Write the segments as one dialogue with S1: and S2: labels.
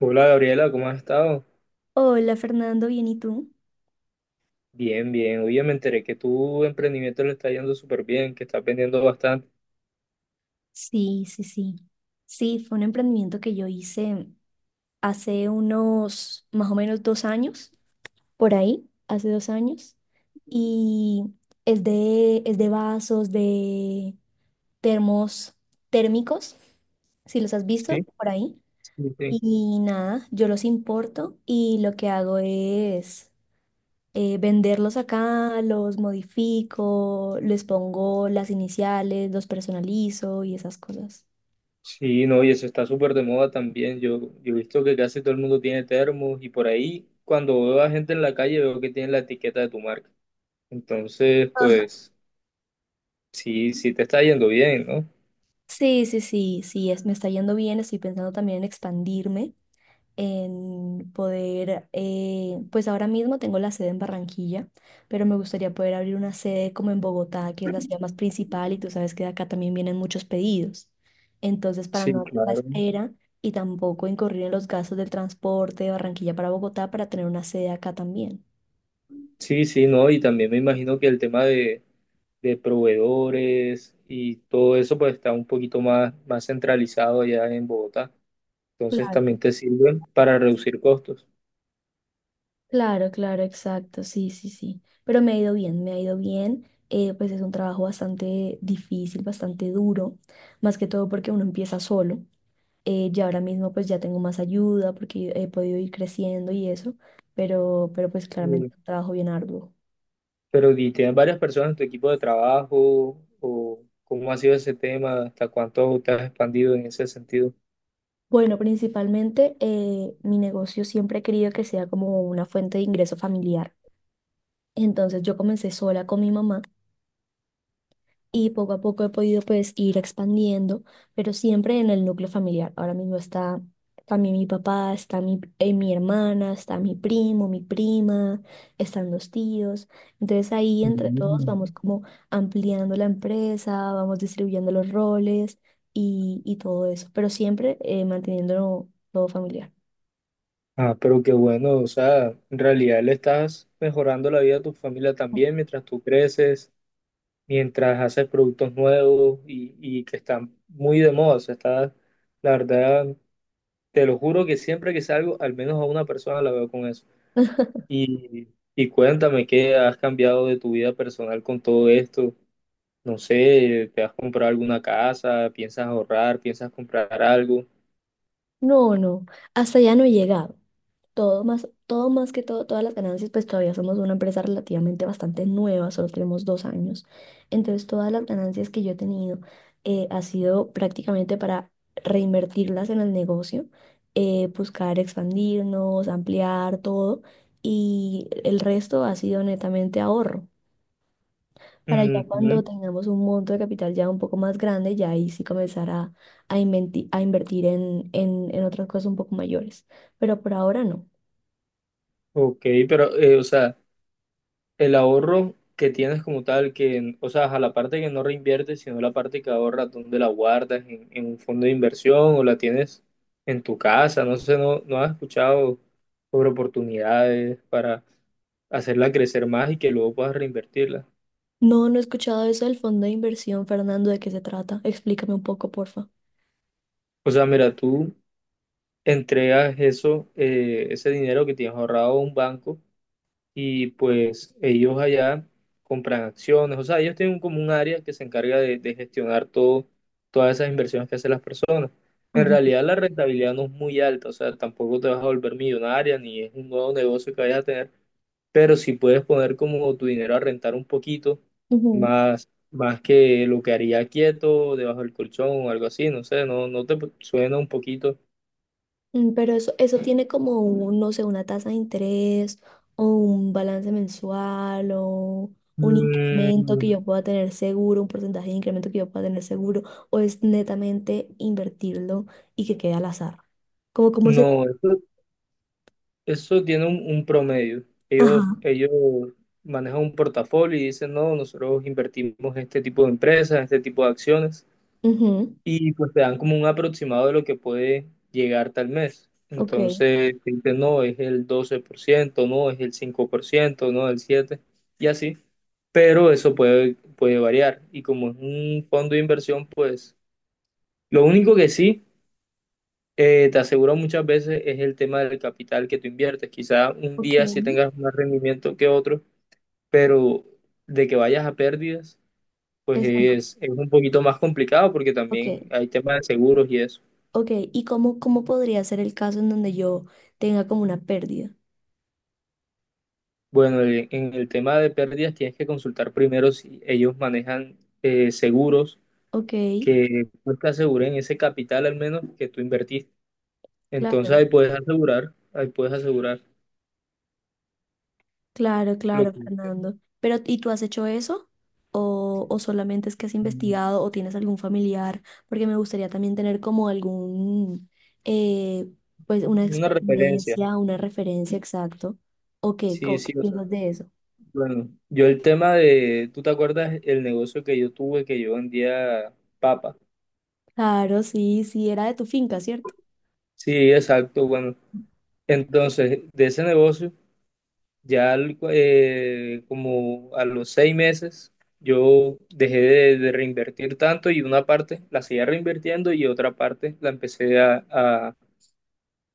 S1: Hola Gabriela, ¿cómo has estado?
S2: Hola Fernando, bien, ¿y tú?
S1: Bien, bien. Oye, me enteré que tu emprendimiento le está yendo súper bien, que estás vendiendo bastante.
S2: Sí, sí, sí. Sí, fue un emprendimiento que yo hice hace unos más o menos 2 años, por ahí, hace 2 años, y es de vasos, de termos térmicos, si los has visto
S1: Sí,
S2: por ahí.
S1: Sí, sí.
S2: Y nada, yo los importo y lo que hago es venderlos acá, los modifico, les pongo las iniciales, los personalizo y esas cosas.
S1: Sí, no, y eso está súper de moda también. Yo he visto que casi todo el mundo tiene termos y por ahí cuando veo a gente en la calle veo que tienen la etiqueta de tu marca. Entonces,
S2: Ajá.
S1: pues sí, sí te está yendo bien, ¿no?
S2: Sí, sí, sí, sí, me está yendo bien, estoy pensando también en expandirme. Pues ahora mismo tengo la sede en Barranquilla, pero me gustaría poder abrir una sede como en Bogotá, que es la ciudad más principal y tú sabes que de acá también vienen muchos pedidos. Entonces, para no
S1: Sí,
S2: hacer la
S1: claro.
S2: espera y tampoco incurrir en los gastos del transporte de Barranquilla para Bogotá para tener una sede acá también.
S1: Sí, sí, no, y también me imagino que el tema de proveedores y todo eso pues está un poquito más, más centralizado allá en Bogotá. Entonces
S2: Claro,
S1: también te sirven para reducir costos.
S2: claro, claro, exacto, sí, sí, sí. Pero me ha ido bien, me ha ido bien. Pues es un trabajo bastante difícil, bastante duro, más que todo porque uno empieza solo. Ya ahora mismo pues ya tengo más ayuda porque he podido ir creciendo y eso, pero pues
S1: Mm,
S2: claramente un trabajo bien arduo.
S1: Pero ¿y tienes varias personas en tu equipo de trabajo? ¿O cómo ha sido ese tema? ¿Hasta cuánto te has expandido en ese sentido?
S2: Bueno, principalmente mi negocio siempre he querido que sea como una fuente de ingreso familiar. Entonces yo comencé sola con mi mamá y poco a poco he podido pues ir expandiendo, pero siempre en el núcleo familiar. Ahora mismo está también mi papá, está mi hermana, está mi primo, mi prima, están los tíos. Entonces ahí entre todos vamos
S1: Mm.
S2: como ampliando la empresa, vamos distribuyendo los roles y todo eso, pero siempre manteniéndolo todo familiar.
S1: Ah, pero qué bueno, o sea, en realidad le estás mejorando la vida a tu familia también mientras tú creces, mientras haces productos nuevos y que están muy de moda. O sea, está, la verdad, te lo juro que siempre que salgo, al menos a una persona la veo con eso. Y, y cuéntame qué has cambiado de tu vida personal con todo esto. No sé, ¿te has comprado alguna casa? ¿Piensas ahorrar? ¿Piensas comprar algo?
S2: No, no, hasta ya no he llegado. Todo más que todo, todas las ganancias, pues todavía somos una empresa relativamente bastante nueva, solo tenemos 2 años. Entonces, todas las ganancias que yo he tenido ha sido prácticamente para reinvertirlas en el negocio, buscar expandirnos, ampliar todo, y el resto ha sido netamente ahorro. Para ya cuando
S1: Ujú,
S2: tengamos un monto de capital ya un poco más grande, ya ahí sí comenzar a invertir en otras cosas un poco mayores. Pero por ahora no.
S1: Ok, pero, o sea, el ahorro que tienes como tal, que, o sea, a la parte que no reinviertes, sino la parte que ahorras, ¿dónde la guardas? ¿En un fondo de inversión o la tienes en tu casa? No sé, no has escuchado sobre oportunidades para hacerla crecer más y que luego puedas reinvertirla.
S2: No, no he escuchado eso del fondo de inversión, Fernando, ¿de qué se trata? Explícame un poco, porfa.
S1: O sea, mira, tú entregas eso, ese dinero que tienes ahorrado a un banco y pues ellos allá compran acciones, o sea, ellos tienen como un área que se encarga de, gestionar todo, todas esas inversiones que hacen las personas. En
S2: Ajá.
S1: realidad la rentabilidad no es muy alta, o sea, tampoco te vas a volver millonaria ni es un nuevo negocio que vayas a tener, pero si puedes poner como tu dinero a rentar un poquito
S2: Ujú.
S1: más, más que lo que haría quieto debajo del colchón o algo así, no sé, no te suena un poquito.
S2: Pero eso tiene como, no sé, una tasa de interés o un balance mensual o un incremento que
S1: Mm,
S2: yo pueda tener seguro, un porcentaje de incremento que yo pueda tener seguro, o es netamente invertirlo y que quede al azar. Cómo se.
S1: No, eso tiene un promedio. Ellos,
S2: Ajá.
S1: ellos manejan un portafolio y dicen, no, nosotros invertimos en este tipo de empresas, en este tipo de acciones,
S2: Ujú.
S1: y pues te dan como un aproximado de lo que puede llegar tal mes.
S2: Ok.
S1: Entonces, te dicen, no, es el 12%, no, es el 5%, no, el 7%, y así. Pero eso puede variar. Y como es un fondo de inversión, pues lo único que sí te aseguro muchas veces es el tema del capital que tú inviertes. Quizá un
S2: Ok.
S1: día sí tengas más rendimiento que otro, pero de que vayas a pérdidas, pues
S2: Eso no.
S1: es un poquito más complicado porque también
S2: Ok.
S1: hay temas de seguros y eso.
S2: Ok. ¿Y cómo podría ser el caso en donde yo tenga como una pérdida?
S1: Bueno, en el tema de pérdidas tienes que consultar primero si ellos manejan seguros
S2: Ok,
S1: que pues, te aseguren ese capital al menos que tú invertiste. Entonces
S2: claro,
S1: ahí puedes asegurar
S2: claro,
S1: lo
S2: claro,
S1: que...
S2: Fernando. Pero, ¿y tú has hecho eso? ¿O solamente es que has
S1: mm,
S2: investigado o tienes algún familiar? Porque me gustaría también tener como eh, pues una
S1: Una referencia,
S2: experiencia, una referencia exacto. ¿O qué,
S1: sí,
S2: co- qué
S1: sí, o sea.
S2: piensas de eso?
S1: Bueno, yo el tema de, ¿tú te acuerdas el negocio que yo tuve que yo vendía papa?
S2: Claro, sí, sí, era de tu finca, ¿cierto?
S1: Sí, exacto, bueno. Entonces, de ese negocio, ya como a los 6 meses, yo dejé de, reinvertir tanto y una parte la seguía reinvirtiendo y otra parte la empecé a, a-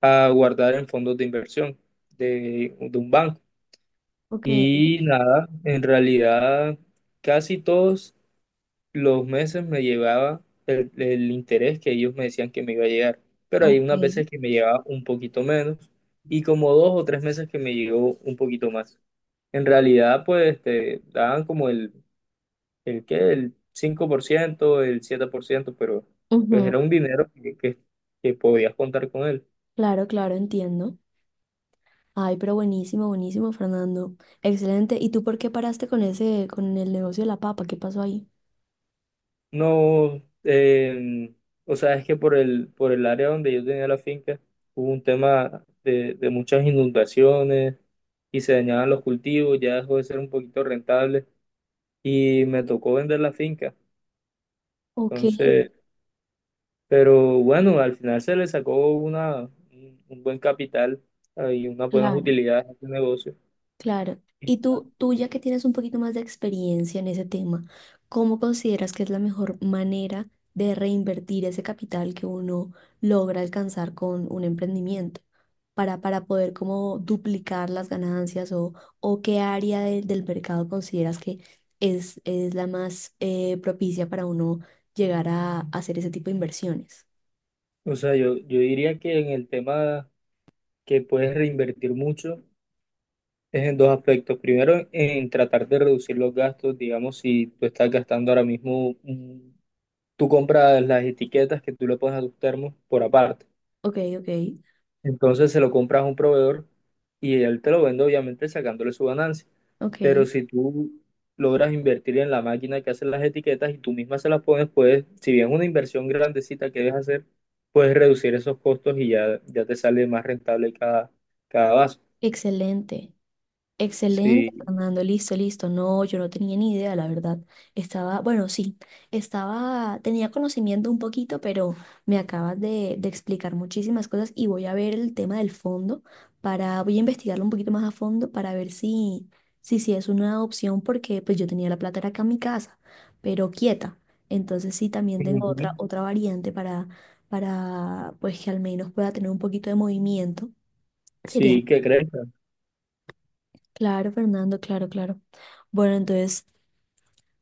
S1: a guardar en fondos de inversión de un banco.
S2: Ok,
S1: Y nada, en realidad casi todos los meses me llevaba el interés que ellos me decían que me iba a llegar, pero hay unas
S2: ok.
S1: veces que me llevaba un poquito menos y como 2 o 3 meses que me llegó un poquito más. En realidad, pues te daban como el, ¿qué? El 5% el 7% pero pues
S2: Ujú.
S1: era un dinero que podías contar con él.
S2: Claro, claro, entiendo. Ay, pero buenísimo, buenísimo, Fernando. Excelente. ¿Y tú por qué paraste con el negocio de la papa? ¿Qué pasó ahí?
S1: No, o sea, es que por el área donde yo tenía la finca hubo un tema de muchas inundaciones y se dañaban los cultivos, ya dejó de ser un poquito rentable y me tocó vender la finca.
S2: Ok,
S1: Entonces, pero bueno, al final se le sacó una, un buen capital y unas buenas
S2: claro,
S1: utilidades a este negocio.
S2: claro. Y tú ya que tienes un poquito más de experiencia en ese tema, ¿cómo consideras que es la mejor manera de reinvertir ese capital que uno logra alcanzar con un emprendimiento para poder como duplicar las ganancias o qué área del mercado consideras que es la más propicia para uno llegar a hacer ese tipo de inversiones?
S1: O sea, yo diría que en el tema que puedes reinvertir mucho es en dos aspectos. Primero, en tratar de reducir los gastos. Digamos, si tú estás gastando ahora mismo, tú compras las etiquetas que tú le pones a tus termos por aparte.
S2: Ok, ok,
S1: Entonces se lo compras a un proveedor y él te lo vende, obviamente, sacándole su ganancia.
S2: ok.
S1: Pero si tú logras invertir en la máquina que hace las etiquetas y tú misma se las pones, puedes, si bien es una inversión grandecita que debes hacer, puedes reducir esos costos y ya, ya te sale más rentable cada, vaso.
S2: Excelente. Excelente,
S1: Sí.
S2: Fernando. Listo, listo. No, yo no tenía ni idea, la verdad. Estaba, bueno, sí, estaba, tenía conocimiento un poquito, pero me acabas de explicar muchísimas cosas y voy a ver el tema del fondo voy a investigarlo un poquito más a fondo para ver si es una opción, porque pues yo tenía la plata era acá en mi casa, pero quieta. Entonces sí, también tengo
S1: Ujú.
S2: otra variante para, pues que al menos pueda tener un poquito de movimiento. Sería.
S1: Sí, ¿qué crees?
S2: Claro, Fernando, claro, claro. Bueno, entonces,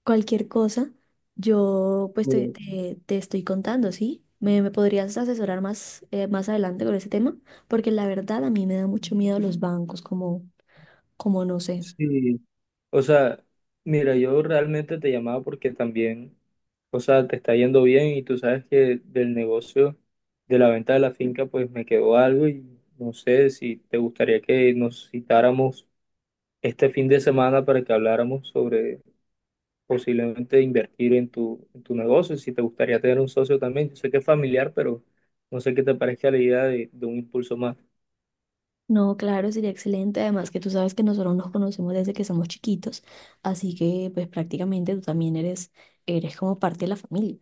S2: cualquier cosa, yo pues te,
S1: Eh,
S2: te- te estoy contando, ¿sí? ¿Me podrías asesorar más, más adelante con ese tema? Porque la verdad a mí me da mucho miedo los bancos, como no sé.
S1: Sí, o sea, mira, yo realmente te llamaba porque también, o sea, te está yendo bien y tú sabes que del negocio de la venta de la finca, pues me quedó algo y no sé si te gustaría que nos citáramos este fin de semana para que habláramos sobre posiblemente invertir en en tu negocio, si te gustaría tener un socio también. Yo sé que es familiar, pero no sé qué te parezca la idea de, un impulso más.
S2: No, claro, sería excelente. Además que tú sabes que nosotros nos conocemos desde que somos chiquitos, así que pues prácticamente tú también eres como parte de la familia.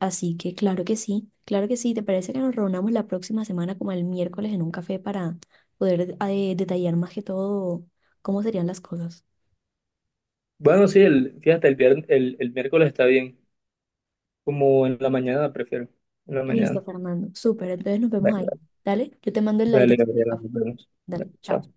S2: Así que claro que sí, claro que sí. ¿Te parece que nos reunamos la próxima semana como el miércoles en un café para poder detallar más que todo cómo serían las cosas?
S1: Bueno, sí, fíjate, el viernes, el miércoles está bien. Como en la mañana, prefiero. En la
S2: Listo,
S1: mañana.
S2: Fernando. Súper, entonces nos vemos ahí.
S1: Dale,
S2: Dale, yo te mando la
S1: dale,
S2: dirección del
S1: Gabriela,
S2: café.
S1: nos vemos.
S2: Dale,
S1: Dale,
S2: chao.
S1: chao.